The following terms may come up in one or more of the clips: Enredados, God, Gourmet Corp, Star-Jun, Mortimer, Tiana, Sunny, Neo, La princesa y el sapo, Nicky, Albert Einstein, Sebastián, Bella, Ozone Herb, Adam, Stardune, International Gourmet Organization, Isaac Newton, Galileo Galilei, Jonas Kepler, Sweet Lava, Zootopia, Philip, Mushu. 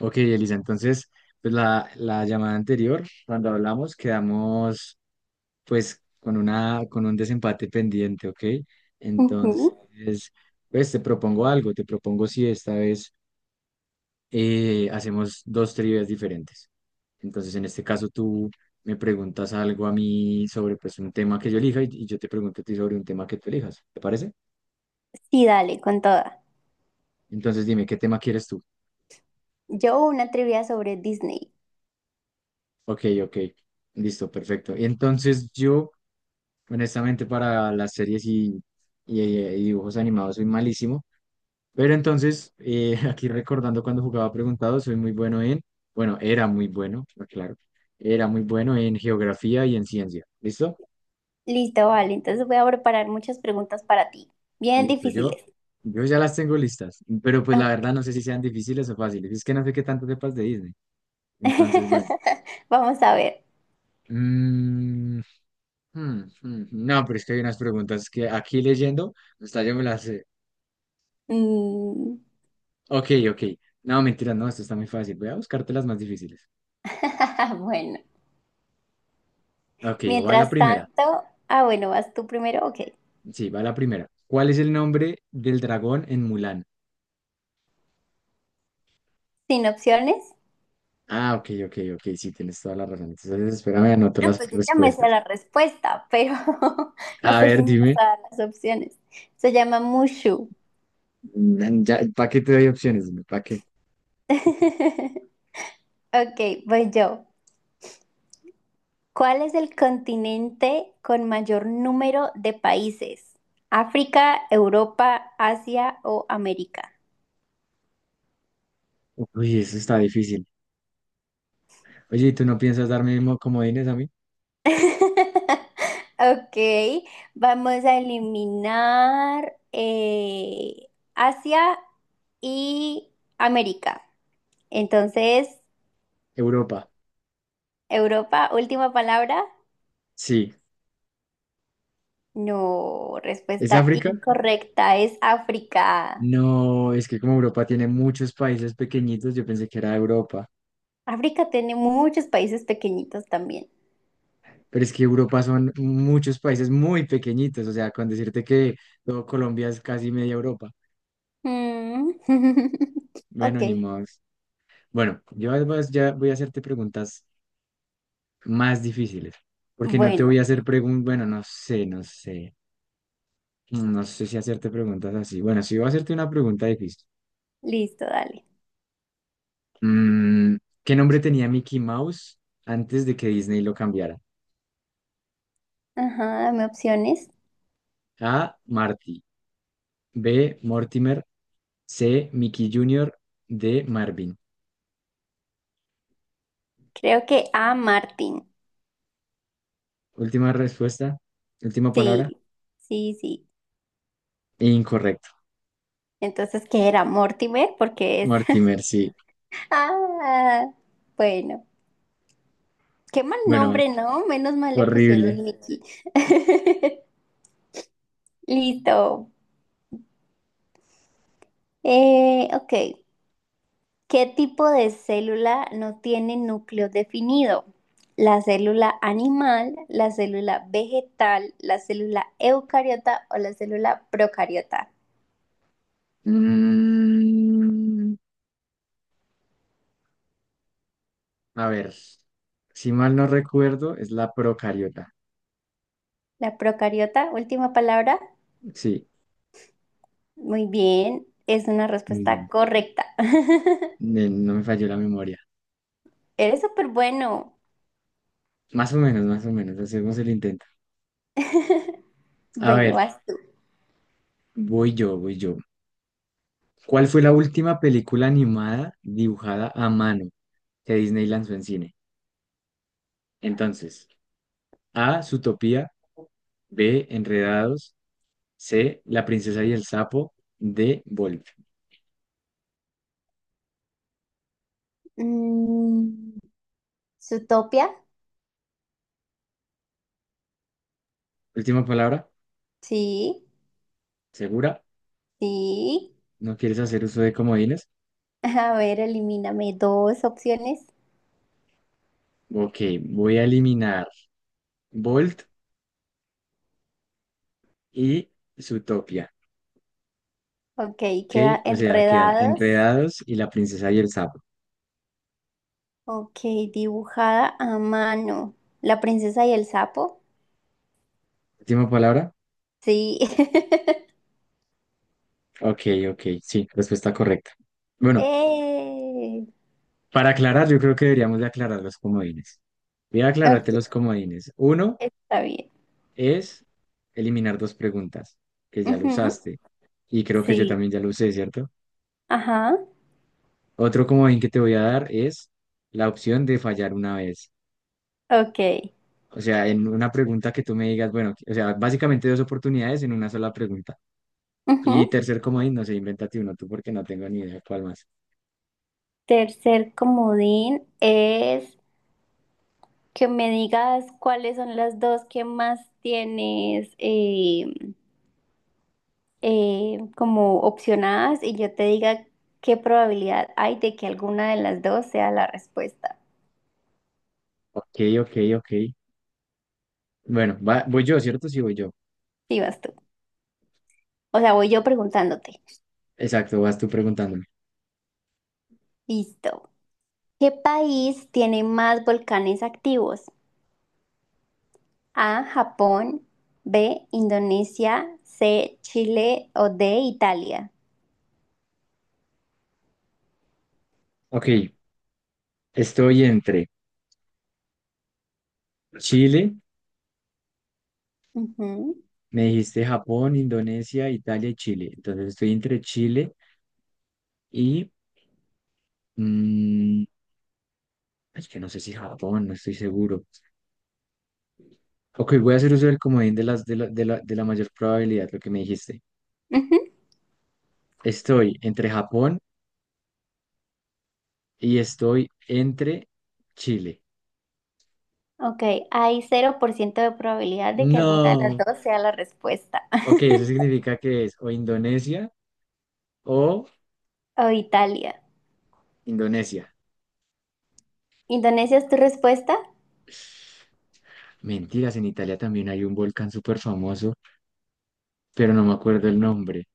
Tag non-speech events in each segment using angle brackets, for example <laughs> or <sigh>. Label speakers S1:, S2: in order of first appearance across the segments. S1: Ok, Elisa, entonces, pues la llamada anterior, cuando hablamos, quedamos pues con un desempate pendiente, ¿ok?
S2: Ujú.
S1: Entonces, pues te propongo algo, te propongo si esta vez hacemos dos trivias diferentes. Entonces, en este caso, tú me preguntas algo a mí sobre pues un tema que yo elija y yo te pregunto a ti sobre un tema que tú elijas, ¿te parece?
S2: Sí, dale, con toda.
S1: Entonces, dime, ¿qué tema quieres tú?
S2: Yo una trivia sobre Disney.
S1: Ok, ok, listo, perfecto. Entonces, yo. Honestamente, para las series y dibujos animados soy malísimo. Pero entonces, <laughs> aquí recordando cuando jugaba preguntado, soy muy bueno en, bueno, era muy bueno, claro, era muy bueno en geografía y en ciencia. ¿Listo?
S2: Listo, vale. Entonces voy a preparar muchas preguntas para ti, bien
S1: Listo, yo,
S2: difíciles.
S1: yo ya las tengo listas. Pero pues la
S2: Ok.
S1: verdad no sé si sean difíciles o fáciles. Es que no sé qué tanto sepas de Disney. Entonces, bueno.
S2: <laughs> Vamos a ver.
S1: Mm, hmm, hmm, hmm. No, pero es que hay unas preguntas que aquí leyendo, hasta yo me las sé.
S2: Mm,
S1: Ok, ok. No, mentira, no, esto está muy fácil. Voy a buscarte las más difíciles.
S2: <laughs> bueno,
S1: Ok, va la
S2: mientras
S1: primera.
S2: tanto, bueno, vas tú primero, ok.
S1: Sí, va la primera. ¿Cuál es el nombre del dragón en Mulan?
S2: Sin opciones.
S1: Ah, ok, ok, ok. Sí, tienes toda la razón. Entonces, espérame, anoto
S2: No,
S1: las
S2: pues yo ya me sé
S1: respuestas.
S2: la respuesta, pero <laughs> no
S1: A
S2: sé
S1: ver,
S2: si me vas
S1: dime.
S2: a dar las opciones. Se llama Mushu.
S1: Ya, ¿para qué te doy opciones? ¿Para qué?
S2: <laughs> Ok, voy yo. ¿Cuál es el continente con mayor número de países? ¿África, Europa, Asia o América?
S1: Uy, eso está difícil. Oye, ¿y tú no piensas darme comodines a mí?
S2: <laughs> Ok, vamos a eliminar Asia y América. Entonces,
S1: Europa.
S2: Europa, última palabra.
S1: Sí.
S2: No,
S1: ¿Es
S2: respuesta
S1: África?
S2: incorrecta, es África.
S1: No, es que como Europa tiene muchos países pequeñitos, yo pensé que era Europa.
S2: África tiene muchos países pequeñitos también.
S1: Pero es que Europa son muchos países muy pequeñitos, o sea, con decirte que todo Colombia es casi media Europa.
S2: Mm. <laughs>
S1: Bueno, ni
S2: Ok,
S1: modos. Bueno, yo además ya voy a hacerte preguntas más difíciles, porque no te
S2: bueno,
S1: voy a hacer preguntas, bueno, no sé, no sé, no sé si hacerte preguntas así. Bueno, sí voy a hacerte una pregunta difícil.
S2: listo, dale.
S1: Mm, ¿qué nombre tenía Mickey Mouse antes de que Disney lo cambiara?
S2: Ajá, dame opciones.
S1: A. Marty, B. Mortimer, C. Mickey Junior. D. Marvin.
S2: Creo que A, Martin.
S1: Última respuesta, última palabra.
S2: Sí, sí, sí.
S1: E Incorrecto.
S2: Entonces, ¿qué era? Mortimer, porque es...
S1: Mortimer, sí.
S2: <laughs> Ah, bueno. Qué mal
S1: Bueno,
S2: nombre, ¿no? Menos mal le pusieron
S1: horrible.
S2: Nicky. <laughs> Listo. Ok. ¿Qué tipo de célula no tiene núcleo definido? ¿La célula animal, la célula vegetal, la célula eucariota o la célula procariota?
S1: Mm, a ver, si mal no recuerdo, es la procariota.
S2: La procariota, última palabra.
S1: Sí,
S2: Muy bien, es una respuesta
S1: mm,
S2: correcta. <laughs>
S1: no me falló la memoria.
S2: Eres súper bueno.
S1: Más o menos, hacemos el intento. A
S2: Bueno,
S1: ver,
S2: vas tú.
S1: voy yo, voy yo. ¿Cuál fue la última película animada dibujada a mano que Disney lanzó en cine? Entonces, A, Zootopia, B, Enredados. C, La princesa y el sapo de Wolf.
S2: Mm, ¿Zootopia?
S1: Última palabra,
S2: Sí,
S1: ¿segura?
S2: sí.
S1: ¿No quieres hacer uso de comodines?
S2: A ver, elimíname dos opciones.
S1: Ok, voy a eliminar Bolt y Zootopia.
S2: Ok,
S1: Ok,
S2: queda
S1: o sea, quedan
S2: enredados.
S1: Enredados y La princesa y el sapo.
S2: Ok, dibujada a mano. La princesa y el sapo.
S1: Última palabra,
S2: Sí.
S1: ok, ok, sí, respuesta correcta. Bueno,
S2: <laughs> ¡Eh!
S1: para aclarar, yo creo que deberíamos de aclarar los comodines. Voy a aclararte
S2: Ok,
S1: los comodines. Uno
S2: está bien.
S1: es eliminar dos preguntas, que ya lo
S2: Ujú,
S1: usaste. Y creo que yo
S2: sí.
S1: también ya lo usé, ¿cierto?
S2: Ajá.
S1: Otro comodín que te voy a dar es la opción de fallar una vez.
S2: Ok.
S1: O sea, en una pregunta que tú me digas, bueno, o sea, básicamente dos oportunidades en una sola pregunta. Y
S2: Ujú.
S1: tercer comodín, no sé, invéntate uno tú porque no tengo ni idea cuál más.
S2: Tercer comodín es que me digas cuáles son las dos que más tienes como opcionadas y yo te diga qué probabilidad hay de que alguna de las dos sea la respuesta.
S1: Ok, ok, ok. Bueno, voy yo, ¿cierto? Sí, voy yo.
S2: Sí, vas tú. O sea, voy yo preguntándote.
S1: Exacto, vas tú preguntándome.
S2: Listo. ¿Qué país tiene más volcanes activos? A, Japón, B, Indonesia, C, Chile o D, Italia.
S1: Ok, estoy entre Chile,
S2: Ujú.
S1: me dijiste Japón, Indonesia, Italia y Chile. Entonces estoy entre Chile y. mm, es que no sé si Japón, no estoy seguro. Ok, voy a hacer uso del comodín de las de la, de la, de la mayor probabilidad, lo que me dijiste.
S2: <laughs>
S1: Estoy entre Japón y estoy entre Chile.
S2: Ok, hay 0% de probabilidad de que alguna de las
S1: No.
S2: dos sea la respuesta.
S1: Ok,
S2: <laughs>
S1: eso significa que es o Indonesia o
S2: O Italia.
S1: Indonesia.
S2: Indonesia es tu respuesta,
S1: Mentiras, en Italia también hay un volcán súper famoso, pero no me acuerdo el nombre.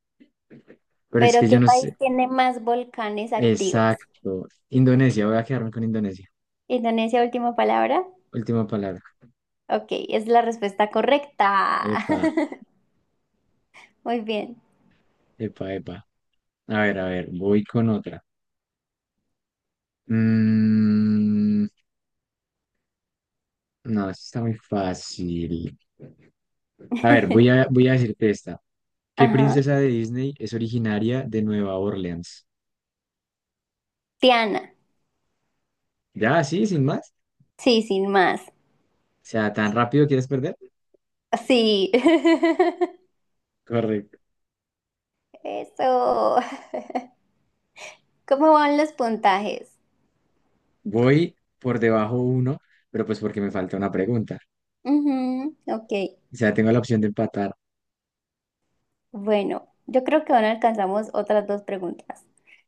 S1: Pero es
S2: pero
S1: que yo
S2: ¿qué
S1: no
S2: país
S1: sé.
S2: tiene más volcanes activos?
S1: Exacto. Indonesia, voy a quedarme con Indonesia.
S2: Indonesia, última palabra.
S1: Última palabra.
S2: Ok, es la respuesta correcta.
S1: Epa,
S2: <laughs> Muy bien.
S1: epa, epa. A ver, voy con otra. Mmm. No, esto está muy fácil. A ver, voy
S2: <laughs>
S1: a, voy a decirte esta. ¿Qué
S2: Ajá.
S1: princesa de Disney es originaria de Nueva Orleans?
S2: Tiana.
S1: Ya, sí, sin más.
S2: Sí, sin más.
S1: O sea, ¿tan rápido quieres perder?
S2: Sí.
S1: Correcto.
S2: <laughs> Eso. ¿Cómo van los puntajes?
S1: Voy por debajo uno, pero pues porque me falta una pregunta.
S2: Ujú, ok.
S1: O sea, tengo la opción de empatar.
S2: Bueno, yo creo que ahora alcanzamos otras dos preguntas.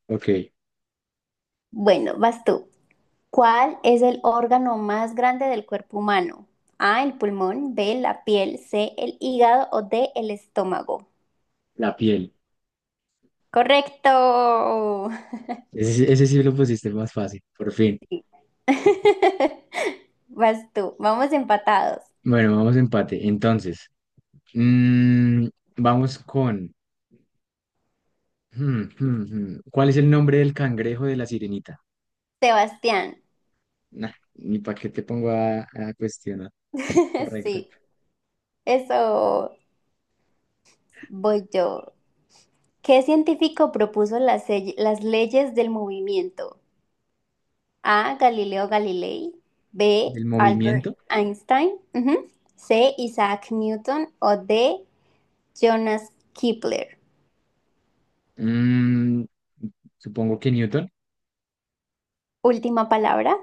S1: Ok,
S2: Bueno, vas tú. ¿Cuál es el órgano más grande del cuerpo humano? A, el pulmón, B, la piel, C, el hígado o D, el estómago.
S1: la piel.
S2: Correcto.
S1: Ese sí lo pusiste más fácil, por fin.
S2: Sí. <laughs> Vas tú. Vamos empatados.
S1: Bueno, vamos a empate. Entonces, mm, vamos con. Hmm, hmm, hmm. ¿Cuál es el nombre del cangrejo de la sirenita?
S2: Sebastián.
S1: Nah, ni para qué te pongo a cuestionar.
S2: <laughs>
S1: Correcto.
S2: Sí, eso, voy yo. ¿Qué científico propuso las, las leyes del movimiento? A. Galileo Galilei. B.
S1: ¿Del
S2: Albert
S1: movimiento?
S2: Einstein. Ujú. C. Isaac Newton. O D. Jonas Kepler.
S1: Mm, supongo que Newton.
S2: Última palabra.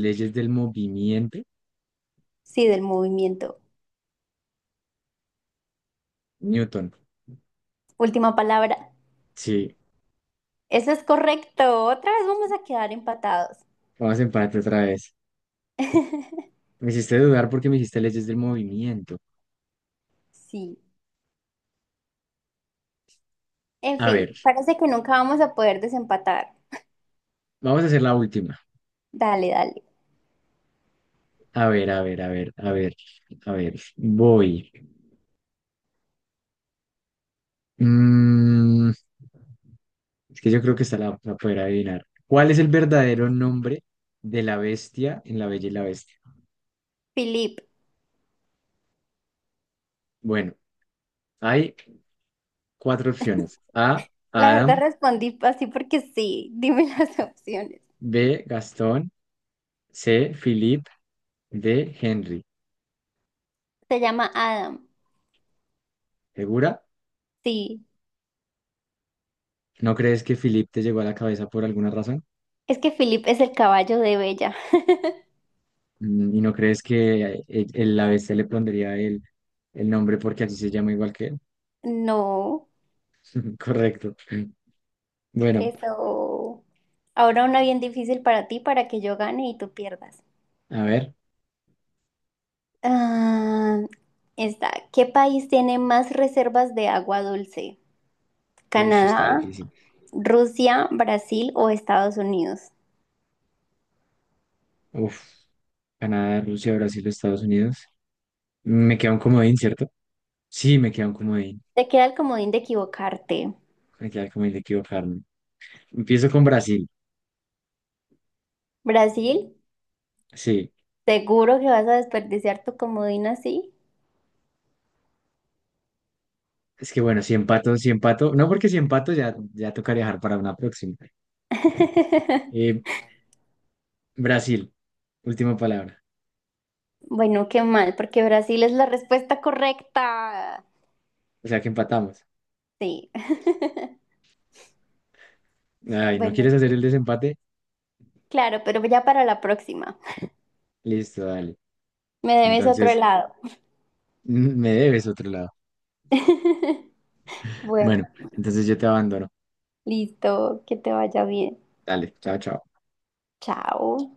S1: Leyes del movimiento.
S2: Sí, del movimiento.
S1: Newton.
S2: Última palabra.
S1: Sí,
S2: Eso es correcto. Otra vez vamos a quedar empatados.
S1: vamos a empate otra vez.
S2: <laughs>
S1: Me hiciste dudar porque me hiciste leyes del movimiento.
S2: Sí. En
S1: A
S2: fin,
S1: ver,
S2: parece que nunca vamos a poder desempatar.
S1: vamos a hacer la última.
S2: Dale, dale.
S1: A ver, a ver, a ver, a ver, a ver. Voy. Mm, es que yo creo que esta la poder adivinar. ¿Cuál es el verdadero nombre de la bestia en La Bella y la Bestia?
S2: Philip,
S1: Bueno, hay cuatro opciones. A,
S2: la verdad
S1: Adam,
S2: respondí así porque sí. Dime <laughs> las opciones.
S1: B, Gastón, C, Philip, D, Henry.
S2: Se llama Adam.
S1: ¿Segura?
S2: Sí.
S1: ¿No crees que Philip te llegó a la cabeza por alguna razón?
S2: Es que Philip es el caballo de Bella. <laughs>
S1: ¿Y no crees que el ABC le pondría el nombre porque así se llama igual que él?
S2: No,
S1: <laughs> Correcto. Bueno,
S2: eso. Ahora una bien difícil para ti, para que yo gane y tú pierdas.
S1: a ver.
S2: Ah, está. ¿Qué país tiene más reservas de agua dulce?
S1: Uy, está
S2: ¿Canadá,
S1: difícil.
S2: Rusia, Brasil o Estados Unidos?
S1: Uf. Canadá, Rusia, Brasil, Estados Unidos. Me queda un comodín, ¿cierto? Sí, me queda un comodín.
S2: Te queda el comodín de equivocarte.
S1: Me queda el comodín de equivocarme. Empiezo con Brasil.
S2: Brasil,
S1: Sí.
S2: seguro que vas a desperdiciar tu comodín así.
S1: Es que bueno, si empato, si empato, no porque si empato ya, ya tocaría dejar para una próxima.
S2: <laughs>
S1: Eh, Brasil, última palabra.
S2: Bueno, qué mal, porque Brasil es la respuesta correcta.
S1: O sea que empatamos.
S2: Sí. <laughs>
S1: Ay, ¿no quieres
S2: Bueno,
S1: hacer el desempate?
S2: claro, pero ya para la próxima.
S1: Listo, dale.
S2: Me debes otro
S1: Entonces,
S2: helado.
S1: me debes otro lado.
S2: <laughs> Bueno,
S1: Bueno, entonces yo te abandono.
S2: listo, que te vaya bien.
S1: Dale, chao, chao.
S2: Chao.